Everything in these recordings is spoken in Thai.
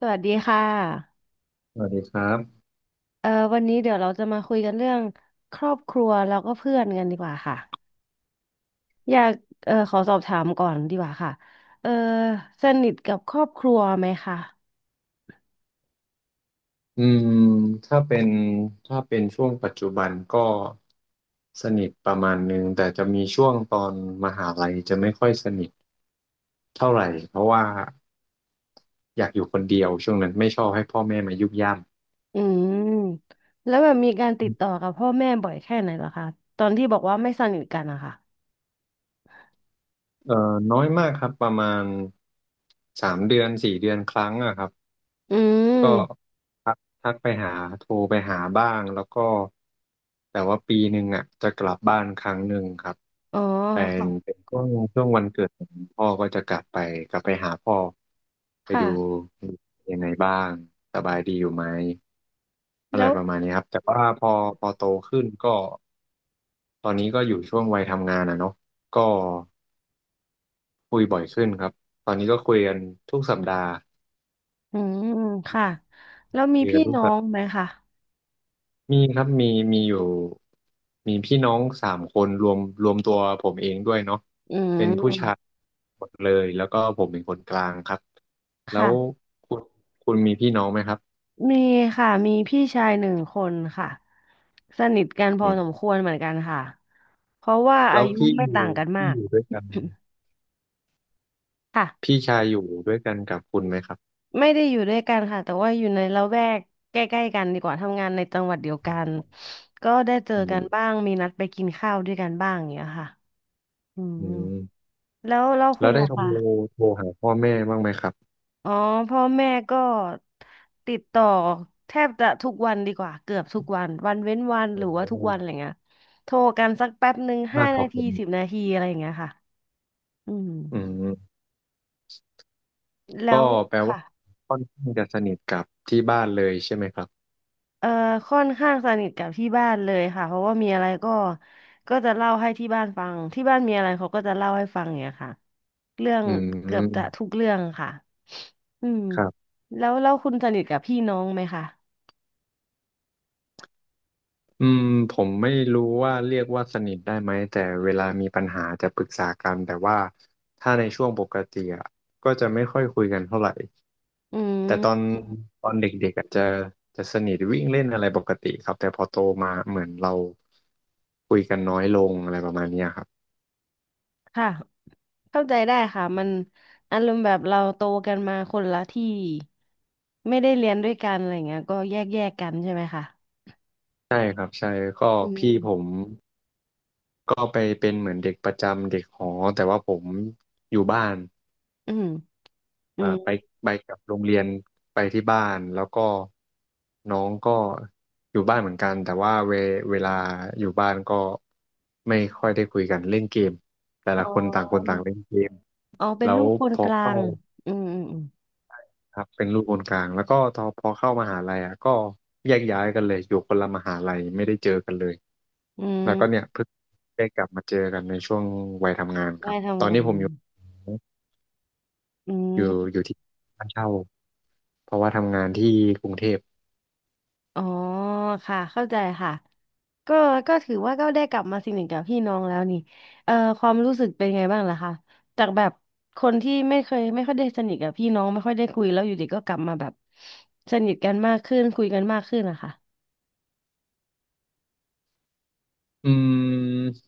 สวัสดีค่ะสวัสดีครับวันนี้เดี๋ยวเราจะมาคุยกันเรื่องครอบครัวแล้วก็เพื่อนกันดีกว่าค่ะอยากเอ่อขอสอบถามก่อนดีกว่าค่ะเอ่อสนิทกับครอบครัวไหมคะอืมถ้าเป็นถ้าเป็นช่วงปัจจุบันก็สนิทประมาณหนึ่ง แต่จะมีช่วงตอนมหาลัยจะไม่ค่อยสนิทเท่าไหร่ เพราะว่าอยากอยู่คนเดียวช่วงนั้นไม่ชอบให้พ่อแม่มายุ่งย่ำอืมแล้วแบบมีการติดต่อกับพ่อแม่บ่อยแค่ไหนเหรอคะตอนที่บอกว่าไม่สนิทกันอะค่ะเอ่อน้อยมากครับประมาณสามเดือนสี่เดือนครั้งอะครับอืมก็ ทักไปหาโทรไปหาบ้างแล้วก็แต่ว่าปีหนึ่งอ่ะจะกลับบ้านครั้งหนึ่งครับอ๋อเป็นค่ะเป็นช่วงวันเกิดของพ่อก็จะกลับไปหาพ่อไปดูค่ะยังไงบ้างสบายดีอยู่ไหมอะไรแล้วประมาณนี้ครับแต่ว่าพอโตขึ้นก็ตอนนี้ก็อยู่ช่วงวัยทำงานอ่ะเนาะก็คุยบ่อยขึ้นครับตอนนี้ก็คุยกันทุกสัปดาห์อืมค่ะแล้วมีคุยกัพี่นทุกน้อสัป งไหมคะมีครับมีอยู่มีพี่น้องสามคนรวมตัวผมเองด้วยเนาะอืเป็นผู้ชายมหมดเลยแล้วก็ผมเป็นคนกลางครับแล้วค่ะ คุณคุณมีพี่น้องไหมครับมีค่ะมีพี่ชายหนึ่งคนค่ะสนิทกันพออืมสมควรเหมือนกันค่ะเพราะว่าอาแล้วยุพี่ไม่อยู่ต่างกันมาพี่อก ยู่ด้วยกัน ค่ะพี่ชายอยู่ด้วยกันกับคุณไหมครับไม่ได้อยู่ด้วยกันค่ะแต่ว่าอยู่ในละแวกใกล้ๆกันดีกว่าทำงานในจังหวัดเดียวกันก็ได้เจออืกันบ้ามงมีนัดไปกินข้าวด้วยกันบ้างอย่างเงี้ยค่ะอืมอืมแล้วแล้คุณวได้ล่ะโทรคะ โทรหาพ่อแม่บ้างไหมครับอ๋อพ่อแม่ก็ติดต่อแทบจะทุกวันดีกว่าเกือบทุกวันวันเว้นวันหรืโอ้อโหว่าทุกวันอะไรเงี้ยโทรกันสักแป๊บหนึ่งห้ามากกนาว่าผทีม10 นาทีอะไรอย่างเงี้ยค่ะอืมอืมแล้ก็วแปลว่าค่ะค่อนข้างจะสนิทกับที่บ้านเลยใช่ไหมครับเอ่อค่อนข้างสนิทกับที่บ้านเลยค่ะเพราะว่ามีอะไรก็ก็จะเล่าให้ที่บ้านฟังที่บ้านมีอะไรเขาก็จะเล่าให้ฟังอย่างเงี้ยค่ะเรื่องอืเกือบจะทุมกเรื่องค่ะอืมครับ แล้วคุณสนิทกับพี่น้องไหมคะอืมผมไม่รู้ว่าเรียกว่าสนิทได้ไหมแต่เวลามีปัญหาจะปรึกษากันแต่ว่าถ้าในช่วงปกติอะก็จะไม่ค่อยคุยกันเท่าไหร่อืแต่ตอนม ตอนเด็กๆอะจะสนิทวิ่งเล่นอะไรปกติครับแต่พอโตมาเหมือนเราคุยกันน้อยลงอะไรประมาณเนี้ยครับค่ะเข้าใจได้ค่ะมันอารมณ์แบบเราโตกันมาคนละที่ไม่ได้เรียนด้วยกันอะไรเงี้ยก็แยกกันใช่ไหมคะใช่ครับใช่ก็อืพี่ผมมก็ไปเป็นเหมือนเด็กประจำเด็กหอแต่ว่าผมอยู่บ้าน อืมอืเอ่มอไปไปกับโรงเรียนไปที่บ้านแล้วก็น้องก็อยู่บ้านเหมือนกันแต่ว่าเวลาอยู่บ้านก็ไม่ค่อยได้คุยกันเล่นเกมแต่อ๋ละคนต่างคนอต่างเล่นเกมอ๋อเป็นแล้วลูกคพนอกลาเข้างอืมอืมอืมครับเป็นลูกคนกลางแล้วก็พอเข้ามหาลัยอ่ะก็แยกย้ายกันเลยอยู่คนละมหาลัยไม่ได้เจอกันเลยอืแล้วก็เนี่ยเพิ่งได้กลับมาเจอกันในช่วงวัยทำงานมครัได้บทำงานอือยู่มอยู่ที่บ้านเช่าเพราะว่าทำงานที่กรุงเทพ อ๋อค่ะเข้าใจค่ะ ก็ก็ถือว่าก็ได้กลับมาสงหนิทกับพี่น้องแล้วนี่เอ่อความรู้สึกเป็นไงบ้างล่ะคะจากแบบคนที่ไม่เคยไม่ค่อยได้สนิทกับพี่น้องไม่ค่อยได้คุยแล้วอยู่ดีก็กลับมาแบบสนิทกันมากขึ้นคุยกันมากขึ้นนะคะอืม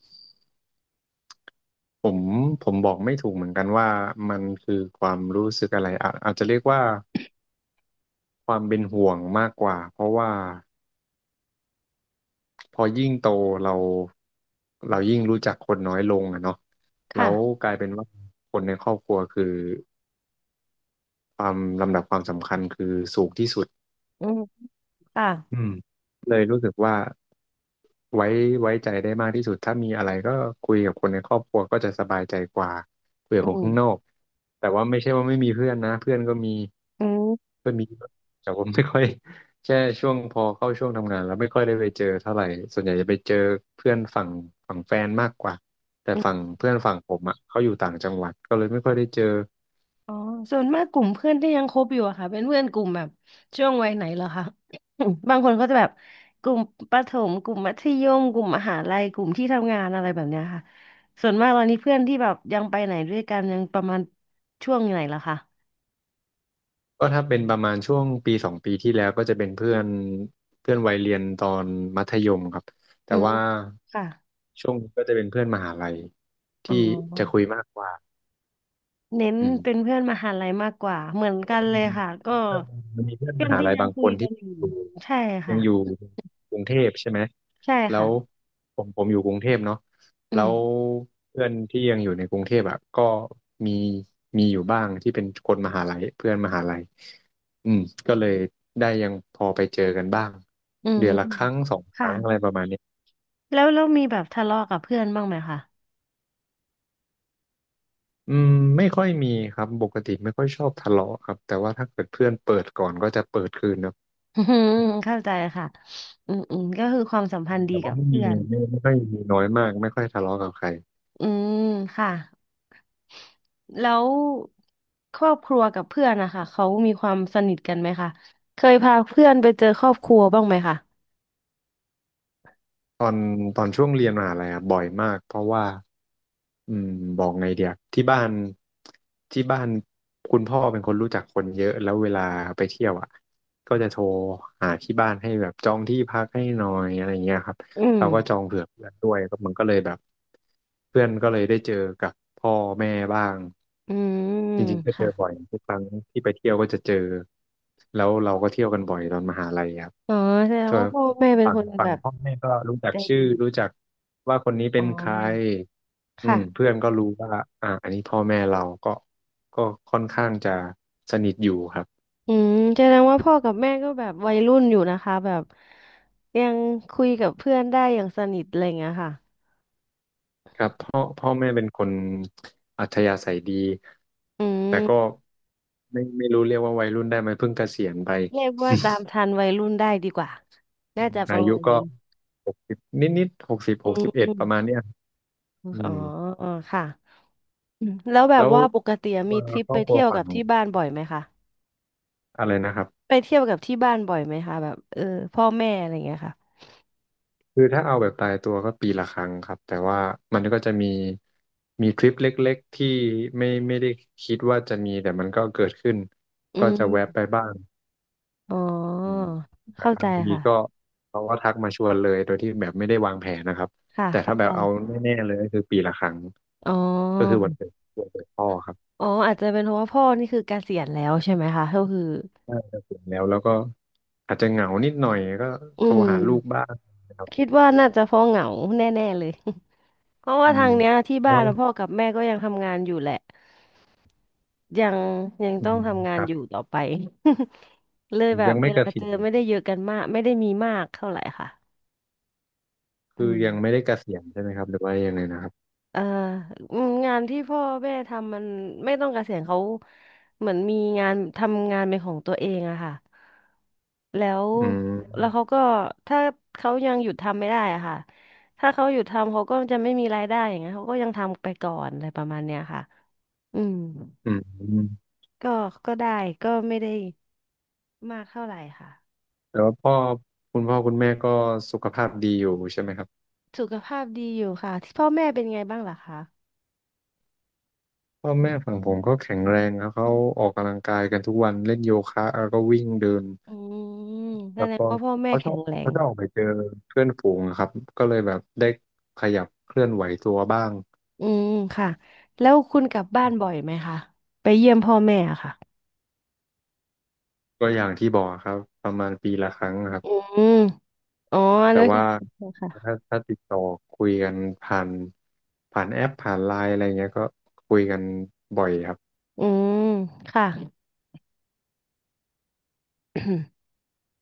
ผมผมบอกไม่ถูกเหมือนกันว่ามันคือความรู้สึกอะไรอะอาจจะเรียกว่าความเป็นห่วงมากกว่าเพราะว่าพอยิ่งโตเราเรายิ่งรู้จักคนน้อยลงอะเนาะแล้ค่ะวกลายเป็นว่าคนในครอบครัวคือความลำดับความสำคัญคือสูงที่สุด อืมค่ะอืมเลยรู้สึกว่าไว้ไว้ใจได้มากที่สุดถ้ามีอะไรก็คุยกับคนในครอบครัวก็จะสบายใจกว่าคุยกับอืคนข้างนอมกแต่ว่าไม่ใช่ว่าไม่มีเพื่อนนะเพื่อนก็มีอืม เพื่อนมีเยอะแต่ผมไม่ค่อยแค่ช่วงพอเข้าช่วงทำงานแล้วไม่ค่อยได้ไปเจอเท่าไหร่ส่วนใหญ่จะไปเจอเพื่อนฝั่งแฟนมากกว่าแต่ฝั่งเพื่อนฝั่งผมอ่ะเขาอยู่ต่างจังหวัดก็เลยไม่ค่อยได้เจอ อ๋อส่วนมากกลุ่มเพื่อนที่ยังคบอยู่อะค่ะเป็นเพื่อนกลุ่มแบบช่วงวัยไหนเหรอคะ บางคนก็จะแบบกลุ่มประถมกลุ่มมัธยมกลุ่มมหาลัยกลุ่มที่ทำงานอะไรแบบเนี้ยค่ะส่วนมากตอนนี้เพื่อนที่แบบยังไปไหนด้วยกันยังประมาณช่วงไหนเหรอคะก็ถ้าเป็นประมาณช่วงปีสองปีที่แล้วก็จะเป็นเพื่อนเพื่อนวัยเรียนตอนมัธยมครับแต่อืมว่าค่ะช่วงนี้ก็จะเป็นเพื่อนมหาลัยอ๋ที่จะอคุยมากกว่าเน้นอืเป็นม เพื่อนมหาลัยมากกว่าเหมือนว่ากันเลยค่ะก็เพื่อนมันมีเพื่อนเพื่มอนหาที่ลัยยังบางคุคยนกัที่นอยู่อยู่ใช่ยัค่ะงอยู่กรุงเทพใช่ไหมใช่แล้ค่ะวผมอยู่กรุงเทพเนาะอืแล้มวเพื่อนที่ยังอยู่ในกรุงเทพอ่ะก็มีมีอยู่บ้างที่เป็นคนมหาลัยเพื่อนมหาลัยอืมก็เลยได้ยังพอไปเจอกันบ้างอืมเดือนละครั้งสองคค่ะ รั้งอะไรประมาณนี้แล้วมีแบบทะเลาะกับเพื่อนบ้างไหมคะอืมไม่ค่อยมีครับปกติไม่ค่อยชอบทะเลาะครับแต่ว่าถ้าเกิดเพื่อนเปิดก่อนก็จะเปิดคืนนะ อืมเข้าใจค่ะอืมอืมก็คือความสัมพันธ์ดีแต่ว่ากับไม่มีเพื่อนไม่ค่อยมีน้อยมากไม่ค่อยทะเลาะกับใครอืมค่ะแล้วครอบครัวกับเพื่อนนะคะเขามีความสนิทกันไหมคะเคยพาเพื่อนไปเจอครอบครัวบ้างไหมคะตอนตอนช่วงเรียนมหาลัยอะบ่อยมากเพราะว่าอืมบอกไงเดียที่บ้านที่บ้านคุณพ่อเป็นคนรู้จักคนเยอะแล้วเวลาไปเที่ยวอ่ะก็จะโทรหาที่บ้านให้แบบจองที่พักให้หน่อยอะไรเงี้ยครับอืมเราก็จองเผื่อเพื่อนด้วยก็มันก็เลยแบบเพื่อนก็เลยได้เจอกับพ่อแม่บ้าง อืมจริงๆก็เจค่ะอบ่อยทุกครั้งที่ไปเที่ยวก็จะเจอแล้วเราก็เที่ยวกันบ่อยตอนมหาลัยครับอ๋อแสดเธงอว่าพ่อแม่เป็นฝั่คงนฝั่แบงบพ่อแม่ก็รู้จักใจชื่ดีอรู้จักว่าคนนี้อ๋เป็อนใครค่ะเพื่อนก็รู้ว่าอันนี้พ่อแม่เราก็ค่อนข้างจะสนิทอยู่ครับอืมแสดงว่าพ่อกับแม่ก็แบบวัยรุ่นอยู่นะคะแบบยังคุยกับเพื่อนได้อย่างสนิทอะไรอย่างเงี้ยค่ะ ครับพ่อแม่เป็นคนอัธยาศัยดีอืแต่ก็มไม่รู้เรียกว่าวัยรุ่นได้ไหมเพิ่งเกษียณไปเรียกว่าตามทันวัยรุ่นได้ดีกว่าน่าจะปอาระยุมาณก็นี้หกสิบนิดนิดหอืกมสิบอเอ็ดมประมาณเนี้ย ออื๋อมอ๋อค่ะอืมแล้วแบบแล้วว่าปกติตัมีวทริปครไปอบครัเที่วยวฝั่กังบที่บ้านบ่อยไหมคะอะไรนะครับไปเที่ยวกับที่บ้านบ่อยไหมคะแบบเออพ่อแม่อะไรอย่างเงี้ยค่ะคือถ้าเอาแบบตายตัวก็ปีละครั้งครับแต่ว่ามันก็จะมีทริปเล็กๆที่ไม่ได้คิดว่าจะมีแต่มันก็เกิดขึ้นอืก็จะแวะมไปบ้างอ๋ออืมเข้าบใจางทีค่ะก็เขาก็ทักมาชวนเลยโดยที่แบบไม่ได้วางแผนนะครับค่ะแต่ถ้าเข้าแบใจบเอาแน่ๆเลยก็คือปีละครั้งอ๋ก็คืออวันเกิดพ่อครับอ๋ออาจจะเป็นเพราะว่าพ่อนี่คือเกษียณแล้วใช่ไหมคะก็คือน่าจะถึงแล้วแล้วก็อาจจะเหงานิดหน่อยก็อืโทรหาลูกมบ้างนะครับคิดว่าน่าจะเพราะเหงาแน่ๆเลย เพราะอืว่าทามงเนี้ยที่แล้บ้านว นะพ่อกับแม่ก็ยังทำงานอยู่แหละยังยังอืต้อมงทำงาคนรับอยู่ต่อไป เลยแบยับงเวไม่เกลาษีเจยอณเหรอไม่ได้เยอะกันมากไม่ได้มีมากเท่าไหร่ค่ะอืคือมยังไม่ได้เกษียณใช่ไหมครับหรือว่ายังไงนะครับเอ่ออืมงานที่พ่อแม่ทำมันไม่ต้องเกษียณเขาเหมือนมีงานทำงานเป็นของตัวเองอะค่ะแล้วอืมแล้วเขาก็ถ้าเขายังหยุดทำไม่ได้อะค่ะถ้าเขาหยุดทำเขาก็จะไม่มีรายได้อย่างเงี้ยเขาก็ยังทำไปก่อนอะไรประมาณเนี้ยค่ะอืม อืมก็ก็ได้ก็ไม่ได้มากเท่าไหร่ค่ะแต่ว่าคุณพ่อคุณแม่ก็สุขภาพดีอยู่ใช่ไหมครับสุขภาพดีอยู่ค่ะที่พ่อแม่เป็นไงบ้างล่ะคะพ่อแม่ฝั่งผมก็แข็งแรงครับเขาออกกำลังกายกันทุกวันเล่นโยคะแล้วก็วิ่งเดินอืมแสแล้วดงก็ว่าพ่อแม่เขาชอแข็บงแรเขางชอบออกไปเจอเพื่อนฝูงอะครับก็เลยแบบได้ขยับเคลื่อนไหวตัวบ้างอืมค่ะแล้วคุณกลับบ้านบ่อยไหมคะไปเยี่ยมพ่อแม่อะค่ะก็อย่างที่บอกครับประมาณปีละครั้งครับ อืมอ๋ออันแต่นั่นคือว่าโอเคค่ะถ้าติดต่อคุยกันผ่านผ่านแอปผ่านไลน์อะไรเงี้ยก็คุยกันบ่อยครับอืมค่ะ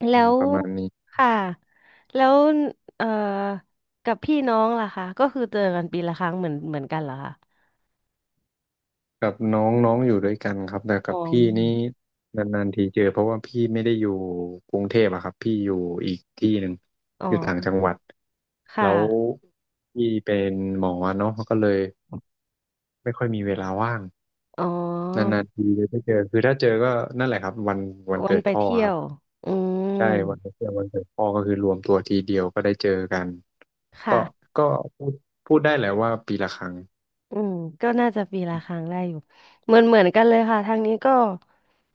แล้อืมวประมาณนี้ค่ะแล้วเอ่อกับพี่น้องล่ะคะก็คือเจอกันปีละครั้งเหมือนกันเหรอคะกับน้องน้องอยู่ด้วยกันครับแต่อ๋กัอบพี่นี่นานๆทีเจอเพราะว่าพี่ไม่ได้อยู่กรุงเทพอะครับพี่อยู่อีกที่หนึ่งอ๋ออยู่ต่างจังหวัดค่ะ แล้วพี่เป็นหมอเนาะก็เลยไม่ค่อยมีเวลาว่างอ๋นอานๆทีเลยได้เจอคือถ้าเจอก็นั่นแหละครับวันวันเกิดไปพ่อเที่ยครับ ว อืใช่ม วันเพื่อนวันเกิดพ่อก็คือรวมตัวทีเดียวก็ได้เจอกัน ก็ค่ะก็พูดพูดได้แหละว่าปีละครั้งอืมก็น่าจะปีละครั้งได้อยู่ เหมือนกันเลยค่ะทางนี้ก็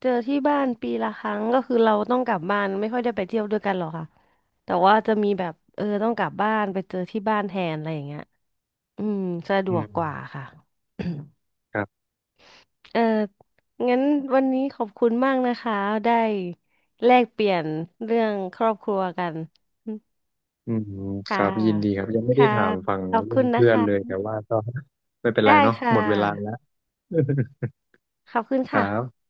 เจอที่บ้านปีละครั้งก็คือเราต้องกลับบ้านไม่ค่อยได้ไปเที่ยวด้วยกันหรอกค่ะแต่ว่าจะมีแบบเออต้องกลับบ้านไปเจอที่บ้านแทนอะไรอย่างเงี้ยอืมสะดอืวกมกว่าค่ะ ครับ เอองั้นวันนี้ขอบคุณมากนะคะได้แลกเปลี่ยนเรื่องครอบครัวกัน อืมคค่ะรับ ยินดีครับ ยังไม่ได้ค่ะ ถามฝั่งขอบเรื่คุองณนะเพื่อนเลยคะ แต่ว่าก็ไม่เป็นไรได้เนาะค่หมดเวลาแล้ว ะ ขอบคุณคค่ะรับ